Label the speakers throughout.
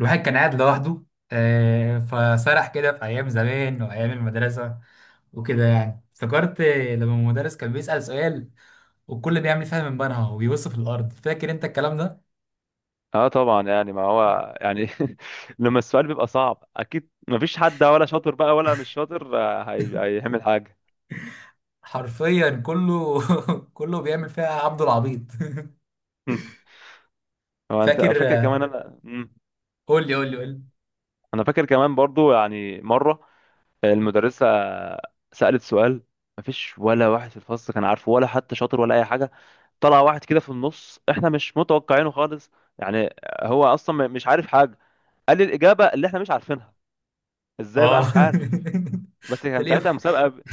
Speaker 1: الواحد كان قاعد لوحده، فسرح كده في أيام زمان وأيام المدرسة وكده يعني افتكرت لما المدرس كان بيسأل سؤال والكل بيعمل فيها من بنها وبيبص في الأرض. فاكر أنت الكلام ده؟
Speaker 2: اه طبعا يعني ما هو يعني لما السؤال بيبقى صعب اكيد ما فيش حد ولا شاطر بقى ولا مش شاطر، هيعمل حاجه.
Speaker 1: حرفيا كله. كله بيعمل فيها عبد العبيط.
Speaker 2: هو انت
Speaker 1: فاكر
Speaker 2: فاكر
Speaker 1: آه،
Speaker 2: كمان انا
Speaker 1: قول لي قول لي قول لي.
Speaker 2: انا فاكر كمان برضو يعني مره المدرسه سالت سؤال، ما فيش ولا واحد في الفصل كان عارفه ولا حتى شاطر ولا اي حاجه. طلع واحد كده في النص احنا مش متوقعينه خالص، يعني هو اصلا مش عارف حاجه. قال لي الاجابه اللي احنا مش عارفينها. ازاي بقى
Speaker 1: اه.
Speaker 2: مش عارف؟ بس كان
Speaker 1: تلاقيه
Speaker 2: ساعتها مسابقه،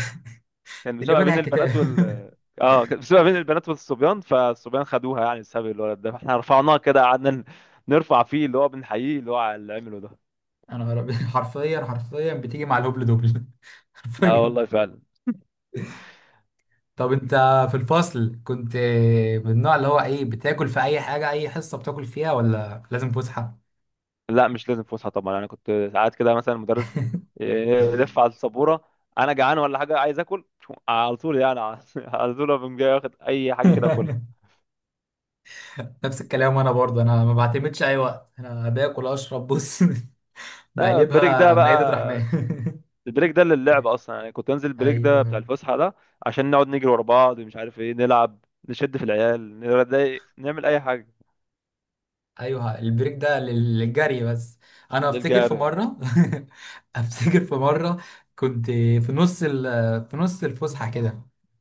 Speaker 2: كان مسابقه
Speaker 1: فاتح
Speaker 2: بين
Speaker 1: الكتاب.
Speaker 2: البنات. اه كانت بتبقى بين البنات والصبيان، فالصبيان خدوها يعني بسبب الولد ده، فاحنا رفعناه كده قعدنا نرفع فيه، اللي هو بنحييه اللي هو على اللي عمله ده.
Speaker 1: انا ربي، حرفيا حرفيا بتيجي مع الهبل دبل.
Speaker 2: اه
Speaker 1: حرفيا.
Speaker 2: والله فعلا.
Speaker 1: طب انت في الفصل كنت من النوع اللي هو ايه، بتاكل في اي حاجه، اي حصه بتاكل فيها ولا لازم فسحه؟
Speaker 2: لا مش لازم فسحه طبعا، انا كنت ساعات كده مثلا المدرس يلف على السبوره، انا جعان ولا حاجه عايز اكل على طول يعني، على على طول أقوم جاي واخد اي حاجه كده اكلها.
Speaker 1: نفس الكلام، وانا برضه انا ما بعتمدش اي وقت، انا باكل اشرب بص.
Speaker 2: لا البريك ده
Speaker 1: بقلبها مائده
Speaker 2: بقى،
Speaker 1: رحمن.
Speaker 2: البريك ده للعب اصلا، يعني كنت انزل البريك ده بتاع
Speaker 1: ايوه
Speaker 2: الفسحه ده عشان نقعد نجري ورا بعض، مش عارف ايه، نلعب، نشد في العيال، نضايق، نعمل اي حاجه.
Speaker 1: ايوه، البريك ده للجري بس. انا افتكر في
Speaker 2: للجار.
Speaker 1: مره. افتكر في مره كنت في نص الفسحه كده،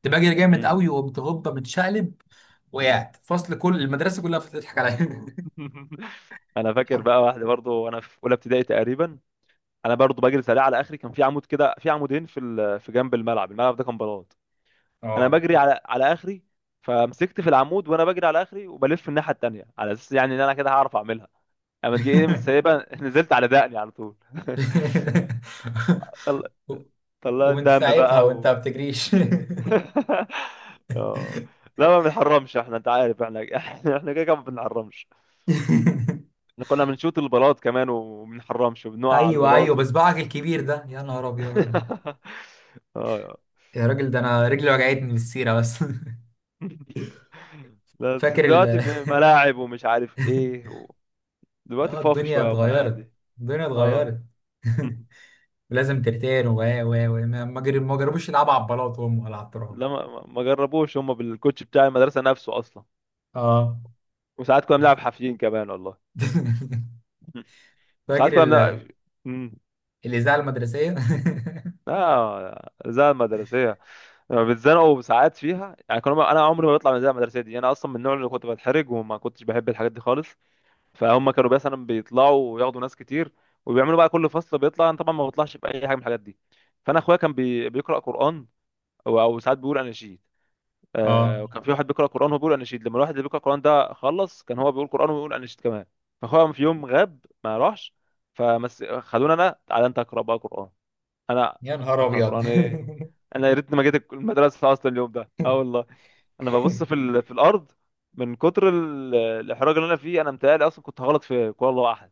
Speaker 1: كنت بجري جامد
Speaker 2: مم.
Speaker 1: قوي وقمت هوبا متشقلب، وقعت فصل كل المدرسه كلها بتضحك عليا.
Speaker 2: انا فاكر
Speaker 1: حر.
Speaker 2: بقى واحده برضو وانا في اولى ابتدائي تقريبا، انا برضو بجري سريع على اخري، كان في عمود كده، في عمودين في في جنب الملعب، الملعب ده كان بلاط. انا
Speaker 1: اه.
Speaker 2: بجري على اخري، فمسكت في العمود وانا بجري على اخري وبلف الناحيه التانيه على اساس يعني ان انا كده هعرف اعملها. اما تجي ايه مش سايبها نزلت على دقني على طول. طل...
Speaker 1: و-
Speaker 2: طلعت
Speaker 1: ومن
Speaker 2: دم
Speaker 1: ساعتها
Speaker 2: بقى
Speaker 1: وانت ما
Speaker 2: و...
Speaker 1: بتجريش.
Speaker 2: آه. لا ما بنحرمش احنا، انت عارف احنا احنا كده كده ما بنحرمش، احنا كنا بنشوط البلاط كمان وما بنحرمش وبنقع على
Speaker 1: ايوه ايوه،
Speaker 2: البلاط.
Speaker 1: بصبعك الكبير ده، يا نهار ابيض.
Speaker 2: اه.
Speaker 1: يا راجل ده انا رجلي وجعتني من السيره بس.
Speaker 2: بس
Speaker 1: فاكر
Speaker 2: دلوقتي
Speaker 1: ال.
Speaker 2: في ملاعب ومش عارف ايه و... دلوقتي
Speaker 1: اه،
Speaker 2: فاضي
Speaker 1: الدنيا
Speaker 2: شويه هم العيال
Speaker 1: اتغيرت،
Speaker 2: دي.
Speaker 1: الدنيا
Speaker 2: اه.
Speaker 1: اتغيرت. لازم ترتين و ما جربوش يلعبوا على البلاط هم ولا على التراب.
Speaker 2: لا ما جربوش هم بالكوتش بتاع المدرسه نفسه اصلا.
Speaker 1: اه.
Speaker 2: وساعات كنا بنلعب حافيين كمان والله. وساعات
Speaker 1: فاكر
Speaker 2: كنا بنلعب امم
Speaker 1: الاذاعه المدرسيه.
Speaker 2: اه الإذاعة المدرسية، لما بيتزنقوا ساعات فيها يعني، كنا انا عمري ما بطلع من الإذاعة المدرسية دي، انا اصلا من النوع اللي كنت بتحرج وما كنتش بحب الحاجات دي خالص. فهم كانوا مثلا بيطلعوا وياخدوا ناس كتير، وبيعملوا بقى كل فصل بيطلع، انا طبعا ما بطلعش باي حاجه من الحاجات دي. فانا اخويا كان بيقرا قران، او ساعات بيقول اناشيد. آه
Speaker 1: اه،
Speaker 2: وكان في واحد بيقرا قران وبيقول اناشيد، لما الواحد اللي بيقرا قران ده خلص كان هو بيقول قران ويقول اناشيد كمان. فاخويا في يوم غاب ما راحش، فمس خدوني انا، تعالى انت اقرا بقى قران. انا
Speaker 1: يا نهار
Speaker 2: اقرا
Speaker 1: ابيض.
Speaker 2: قران ايه؟ انا يا ريتني ما جيت المدرسه اصلا اليوم ده، اه والله. انا ببص في في الارض من كتر الاحراج اللي انا فيه، انا متهيألي اصلا كنت هغلط في قول الله احد.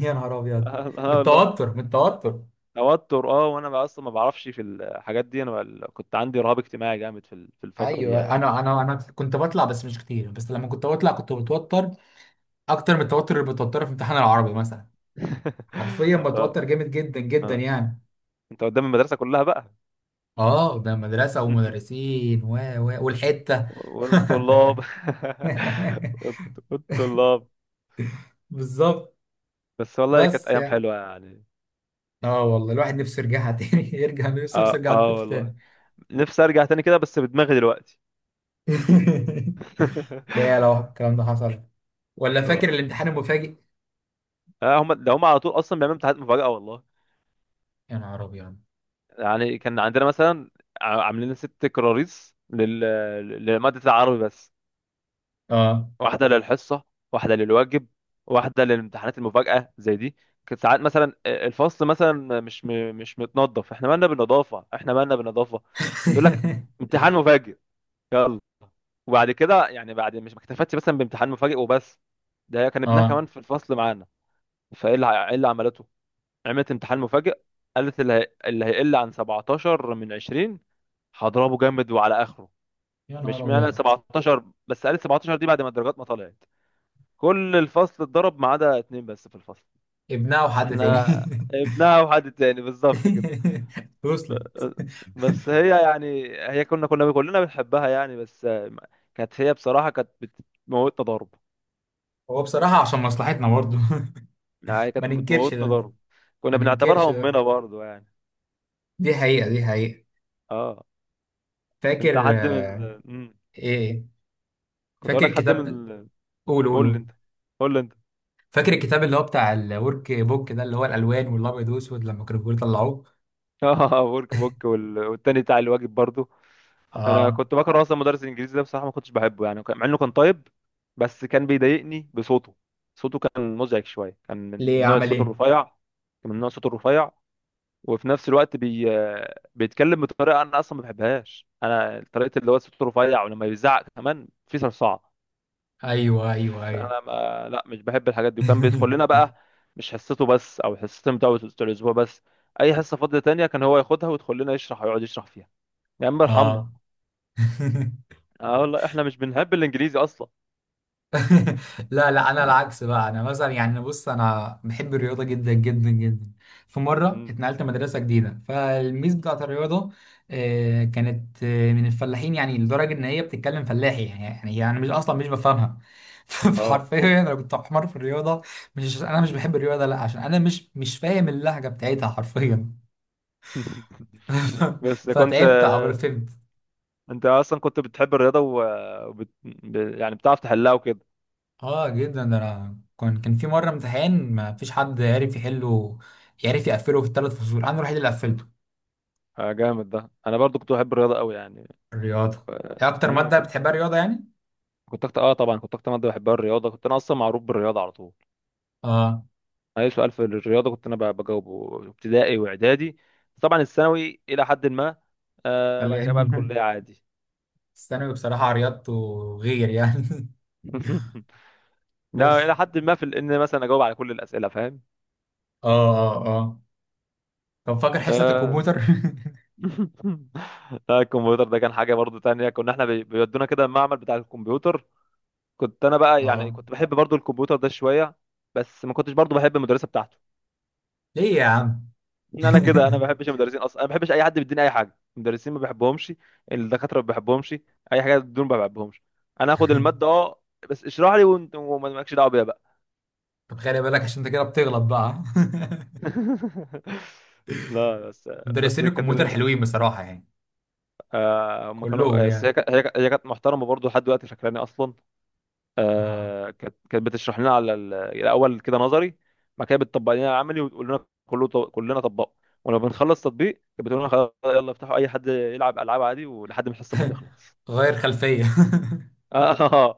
Speaker 1: يا نهار ابيض.
Speaker 2: اه
Speaker 1: من
Speaker 2: آه والله.
Speaker 1: التوتر، من التوتر.
Speaker 2: توتر اه، وانا بقى اصلا ما بعرفش في الحاجات دي، كنت عندي رهاب اجتماعي جامد في في الفتره دي
Speaker 1: ايوه،
Speaker 2: يعني.
Speaker 1: انا كنت بطلع بس مش كتير، بس لما كنت بطلع كنت متوتر اكتر من التوتر اللي بتوتره في امتحان العربي مثلا. حرفيا
Speaker 2: اه.
Speaker 1: بتوتر جامد جدا جدا
Speaker 2: اه
Speaker 1: يعني.
Speaker 2: انت قدام المدرسه كلها بقى.
Speaker 1: اه ده مدرسة ومدرسين و والحتة.
Speaker 2: والطلاب. والطلاب.
Speaker 1: بالظبط.
Speaker 2: بس والله كانت
Speaker 1: بس
Speaker 2: ايام
Speaker 1: يعني
Speaker 2: حلوه يعني.
Speaker 1: اه والله الواحد نفسه يرجعها تاني. يرجع نفسه
Speaker 2: اه
Speaker 1: يرجع
Speaker 2: اه
Speaker 1: الطفل
Speaker 2: والله،
Speaker 1: تاني.
Speaker 2: نفسي ارجع تاني كده بس بدماغي دلوقتي.
Speaker 1: يا لو الكلام ده حصل. ولا
Speaker 2: اه.
Speaker 1: فاكر الامتحان المفاجئ؟
Speaker 2: آه، هم على طول اصلا بيعملوا امتحانات مفاجاه والله.
Speaker 1: يا نهار ابيض.
Speaker 2: يعني كان عندنا مثلا عاملين ست كراريس لمادة العربي بس.
Speaker 1: اه.
Speaker 2: واحدة للحصة، واحدة للواجب، واحدة للامتحانات المفاجأة زي دي. كانت ساعات مثلا الفصل مثلا مش متنظف. احنا مالنا بالنظافة، احنا مالنا بالنظافة؟ تقول لك امتحان مفاجئ، يلا. وبعد كده يعني، بعد مش ما اكتفتش مثلا بامتحان مفاجئ وبس، ده كان ابنها
Speaker 1: اه،
Speaker 2: كمان في الفصل معانا. إيه اللي عملته؟ عملت امتحان مفاجئ، قالت اللي هيقل عن 17 من 20 هضربه جامد وعلى اخره.
Speaker 1: يا نهار
Speaker 2: مش معنى
Speaker 1: ابيض.
Speaker 2: 17 بس، قال 17 دي بعد ما الدرجات ما طلعت، كل الفصل اتضرب ما عدا اتنين بس في الفصل.
Speaker 1: ابنها وحد تاني.
Speaker 2: احنا ابنها وحد تاني بالظبط كده.
Speaker 1: وصلت.
Speaker 2: ب- بس هي يعني، هي كنا كنا كلنا بنحبها يعني، بس كانت هي بصراحة كانت بتموتنا ضرب،
Speaker 1: هو بصراحة عشان مصلحتنا برضه.
Speaker 2: يعني
Speaker 1: ما
Speaker 2: كانت
Speaker 1: ننكرش
Speaker 2: بتموتنا
Speaker 1: ده،
Speaker 2: ضرب. كنا
Speaker 1: ما ننكرش
Speaker 2: بنعتبرها امنا
Speaker 1: ده،
Speaker 2: برضو يعني.
Speaker 1: دي حقيقة دي حقيقة.
Speaker 2: اه انت
Speaker 1: فاكر
Speaker 2: حد من
Speaker 1: آه،
Speaker 2: ال... مم.
Speaker 1: ايه.
Speaker 2: كنت اقول
Speaker 1: فاكر
Speaker 2: لك حد
Speaker 1: الكتاب.
Speaker 2: من ال...
Speaker 1: قول قول
Speaker 2: قول لي
Speaker 1: قول.
Speaker 2: انت، قول لي انت.
Speaker 1: فاكر الكتاب اللي هو بتاع الورك بوك ده، اللي هو الالوان والابيض والاسود، لما كانوا بيقولوا طلعوه.
Speaker 2: اه ورك بوك والتاني بتاع الواجب برضو. انا
Speaker 1: اه.
Speaker 2: كنت بكره اصلا مدرس الانجليزي ده بصراحه، ما كنتش بحبه يعني، مع انه كان طيب بس كان بيضايقني بصوته. صوته كان مزعج شويه، كان من
Speaker 1: ليه،
Speaker 2: نوع
Speaker 1: عمل
Speaker 2: الصوت
Speaker 1: ايه؟
Speaker 2: الرفيع. كان من نوع الصوت الرفيع وفي نفس الوقت بيتكلم بطريقه انا اصلا ما بحبهاش، انا طريقه اللي هو صوته رفيع ولما بيزعق كمان في صرصعه.
Speaker 1: ايوه ايوه ايوه.
Speaker 2: فانا ما... لا مش بحب الحاجات دي، وكان بيدخل لنا بقى مش حصته بس او حصتين بتوع الاسبوع بس، اي حصه فاضيه تانية كان هو ياخدها ويدخل لنا يشرح ويقعد يشرح فيها. يا عم ارحمنا.
Speaker 1: اه.
Speaker 2: اه والله احنا مش بنحب الانجليزي اصلا.
Speaker 1: لا لا، انا العكس بقى. انا مثلا يعني بص انا بحب الرياضه جدا جدا جدا. في مره
Speaker 2: مم.
Speaker 1: اتنقلت مدرسه جديده، فالميس بتاعت الرياضه آه، كانت آه، من الفلاحين، يعني لدرجه ان هي بتتكلم فلاحي يعني، يعني مش اصلا مش بفهمها.
Speaker 2: اه.
Speaker 1: فحرفيا انا كنت حمار في الرياضه، مش عشان انا مش بحب الرياضه، لا عشان انا مش فاهم اللهجه بتاعتها حرفيا.
Speaker 2: بس كنت،
Speaker 1: فتعبت عبال فهمت.
Speaker 2: انت اصلا كنت بتحب الرياضه يعني بتعرف تحلها وكده.
Speaker 1: اه جدا، ده انا كان في مره امتحان ما فيش حد عرف يحله، يعرف يقفله في الثلاث فصول، انا الوحيد اللي قفلته.
Speaker 2: آه، جامد، ده انا برضو كنت بحب الرياضه قوي يعني.
Speaker 1: الرياضه
Speaker 2: ف...
Speaker 1: هي اكتر
Speaker 2: مم،
Speaker 1: ماده
Speaker 2: كنت
Speaker 1: بتحبها، الرياضه يعني.
Speaker 2: كنت اكتر، اه طبعا كنت اكتر ماده بحبها الرياضه، كنت انا اصلا معروف بالرياضه على طول.
Speaker 1: اه،
Speaker 2: اي سؤال في الرياضه كنت انا بجاوبه، ابتدائي واعدادي، طبعا الثانوي الى حد ما.
Speaker 1: قال
Speaker 2: آه
Speaker 1: لي.
Speaker 2: بعد كده بقى الكليه عادي.
Speaker 1: الثانوي بصراحه رياضته غير يعني.
Speaker 2: لا
Speaker 1: بس.
Speaker 2: الى حد ما في ان مثلا اجاوب على كل الاسئله فاهم.
Speaker 1: اه اه اه. طب فاكر حصه
Speaker 2: آه.
Speaker 1: الكمبيوتر؟
Speaker 2: لا الكمبيوتر ده كان حاجة برضو تانية. كنا احنا بيودونا كده المعمل بتاع الكمبيوتر. كنت انا بقى يعني
Speaker 1: اه.
Speaker 2: كنت بحب برضو الكمبيوتر ده شوية، بس ما كنتش برضو بحب المدرسة بتاعته.
Speaker 1: ليه يا عم؟
Speaker 2: ان انا كده انا ما بحبش المدرسين اصلا، انا ما بحبش اي حد بيديني اي حاجة. المدرسين ما بحبهمش، الدكاترة ما بحبهمش، اي حاجة دول ما بحبهمش. انا اخد المادة اه، بس اشرح لي وانت وما لكش دعوة بيها بقى.
Speaker 1: طب خلي بالك عشان انت كده بتغلط بقى.
Speaker 2: لا بس. بس
Speaker 1: مدرسين
Speaker 2: كانت
Speaker 1: الكمبيوتر حلوين بصراحه يعني،
Speaker 2: آه، هم
Speaker 1: كلهم
Speaker 2: كانوا، بس هي
Speaker 1: يعني.
Speaker 2: كانت هي كانت- هي كانت محترمة برضو لحد دلوقتي فاكراني اصلا.
Speaker 1: اه.
Speaker 2: آه، كانت بتشرح لنا على الاول كده نظري. بعد كده بتطبق لنا العملي وتقول لنا كله، كلنا طبقوا، ولما بنخلص تطبيق كانت بتقول لنا خلاص يلا افتحوا، اي حد يلعب العاب عادي ولحد ما الحصه ما تخلص.
Speaker 1: غير خلفيه.
Speaker 2: اه.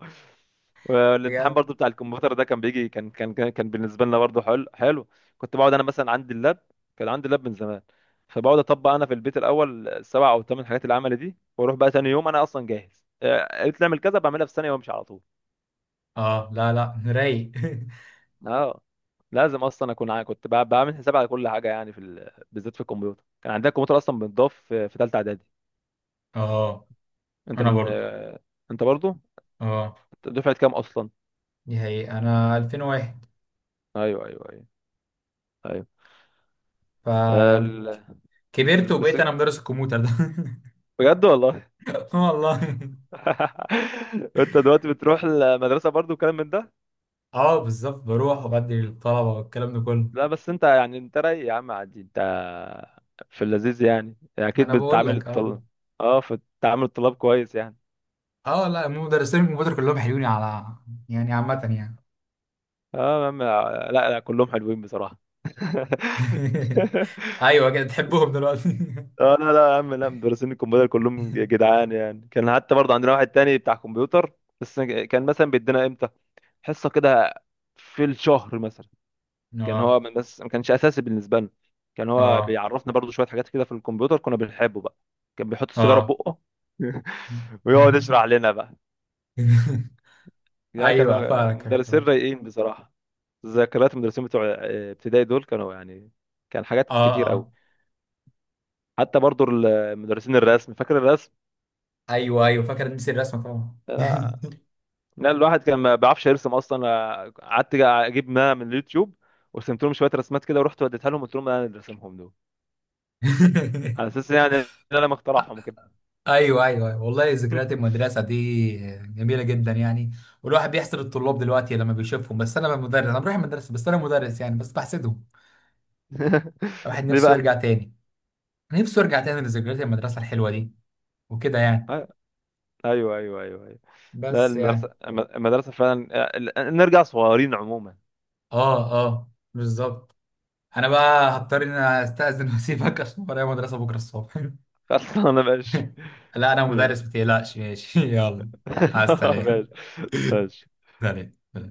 Speaker 2: والامتحان
Speaker 1: بجد.
Speaker 2: برضو بتاع الكمبيوتر ده كان بيجي، كان بالنسبه لنا برضو حلو حلو. كنت بقعد انا مثلا عندي اللاب، كان عندي اللاب من زمان، فبقعد اطبق انا في البيت الاول السبع او الثمان حاجات العملي دي، واروح بقى تاني يوم انا اصلا جاهز. آه، قالت لي اعمل كذا بعملها في ثانيه وامشي على طول.
Speaker 1: اه لا لا. رايق.
Speaker 2: اه لازم اصلا اكون بعمل حساب على كل حاجه يعني في بالذات في الكمبيوتر. كان عندنا الكمبيوتر اصلا بنضاف في ثالثه اعدادي.
Speaker 1: اه.
Speaker 2: انت
Speaker 1: انا
Speaker 2: من
Speaker 1: برضو.
Speaker 2: آه، انت برضو؟
Speaker 1: اه
Speaker 2: أنت دفعه كام اصلا؟
Speaker 1: دي حقيقة، انا 2001،
Speaker 2: ايوه ايوه ايوه ايوه. آه،
Speaker 1: فكبرت
Speaker 2: ال... بس
Speaker 1: وبقيت انا مدرس الكمبيوتر ده.
Speaker 2: بجد والله.
Speaker 1: آه والله.
Speaker 2: انت دلوقتي بتروح المدرسه برضو وكلام من ده.
Speaker 1: اه بالظبط، بروح وبدي الطلبة والكلام ده كله.
Speaker 2: لا بس انت يعني انت رايق يا عم عادي، انت في اللذيذ يعني
Speaker 1: ما
Speaker 2: اكيد
Speaker 1: انا بقول
Speaker 2: بتتعامل
Speaker 1: لك. اه
Speaker 2: الطلاب. اه في تعامل الطلاب كويس يعني.
Speaker 1: اه. لا هم مدرسين الكمبيوتر كلهم حلوين على يعني عامة يعني.
Speaker 2: اه يا عم لا لا كلهم حلوين بصراحه.
Speaker 1: ايوه كده تحبهم دلوقتي.
Speaker 2: اه لا لا يا عم، لا مدرسين الكمبيوتر كلهم جدعان يعني. كان حتى برضه عندنا واحد تاني بتاع كمبيوتر، بس كان مثلا بيدينا امتى حصه كده، في الشهر مثلا. كان
Speaker 1: اه
Speaker 2: هو من، بس ما كانش اساسي بالنسبه لنا. كان هو
Speaker 1: اه
Speaker 2: بيعرفنا برضه شويه حاجات كده في الكمبيوتر، كنا بنحبه بقى. كان بيحط السيجاره في
Speaker 1: اه.
Speaker 2: بقه ويقعد يشرح لنا بقى. يا كان،
Speaker 1: ايوه فاكر
Speaker 2: مدرسين
Speaker 1: فاكر.
Speaker 2: رايقين بصراحه. ذكريات المدرسين بتوع آه، ابتدائي دول كانوا يعني، كان حاجات
Speaker 1: اه
Speaker 2: كتير قوي.
Speaker 1: اه.
Speaker 2: حتى برضو مدرسين الرسم، فاكر الرسم؟
Speaker 1: ايوه ايوه فاكر، نسي الرسمه طبعا.
Speaker 2: آه، لا الواحد كان ما بيعرفش يرسم اصلا، آه، قعدت اجيب ما من اليوتيوب ورسمت لهم شويه رسمات كده، ورحت وديتها لهم قلت لهم انا اللي رسمهم دول، على اساس يعني إن انا مخترعهم كده.
Speaker 1: ايوه ايوه أيوة. والله ذكريات المدرسه دي جميله جدا يعني. والواحد بيحسد الطلاب دلوقتي لما بيشوفهم، بس انا مدرس، انا بروح المدرسه بس انا مدرس يعني، بس بحسدهم. الواحد
Speaker 2: ليه
Speaker 1: نفسه
Speaker 2: بقى؟
Speaker 1: يرجع تاني، نفسه يرجع تاني لذكريات المدرسه الحلوه دي وكده يعني.
Speaker 2: آه، ايوه ايوه ايوه ايوه. لا
Speaker 1: بس يعني.
Speaker 2: المدرسه المدرسه فعلا آه، ال- نرجع صغيرين عموما.
Speaker 1: اه اه بالظبط. انا بقى هضطر ان أنا استاذن. واسيبك عشان ورايا مدرسه بكره الصبح.
Speaker 2: اصلا انا ماشي.
Speaker 1: لا انا مدرس،
Speaker 2: ماشي.
Speaker 1: ما تقلقش ماشي. يلا، مع السلامه.
Speaker 2: ماشي. ماشي.
Speaker 1: سلام.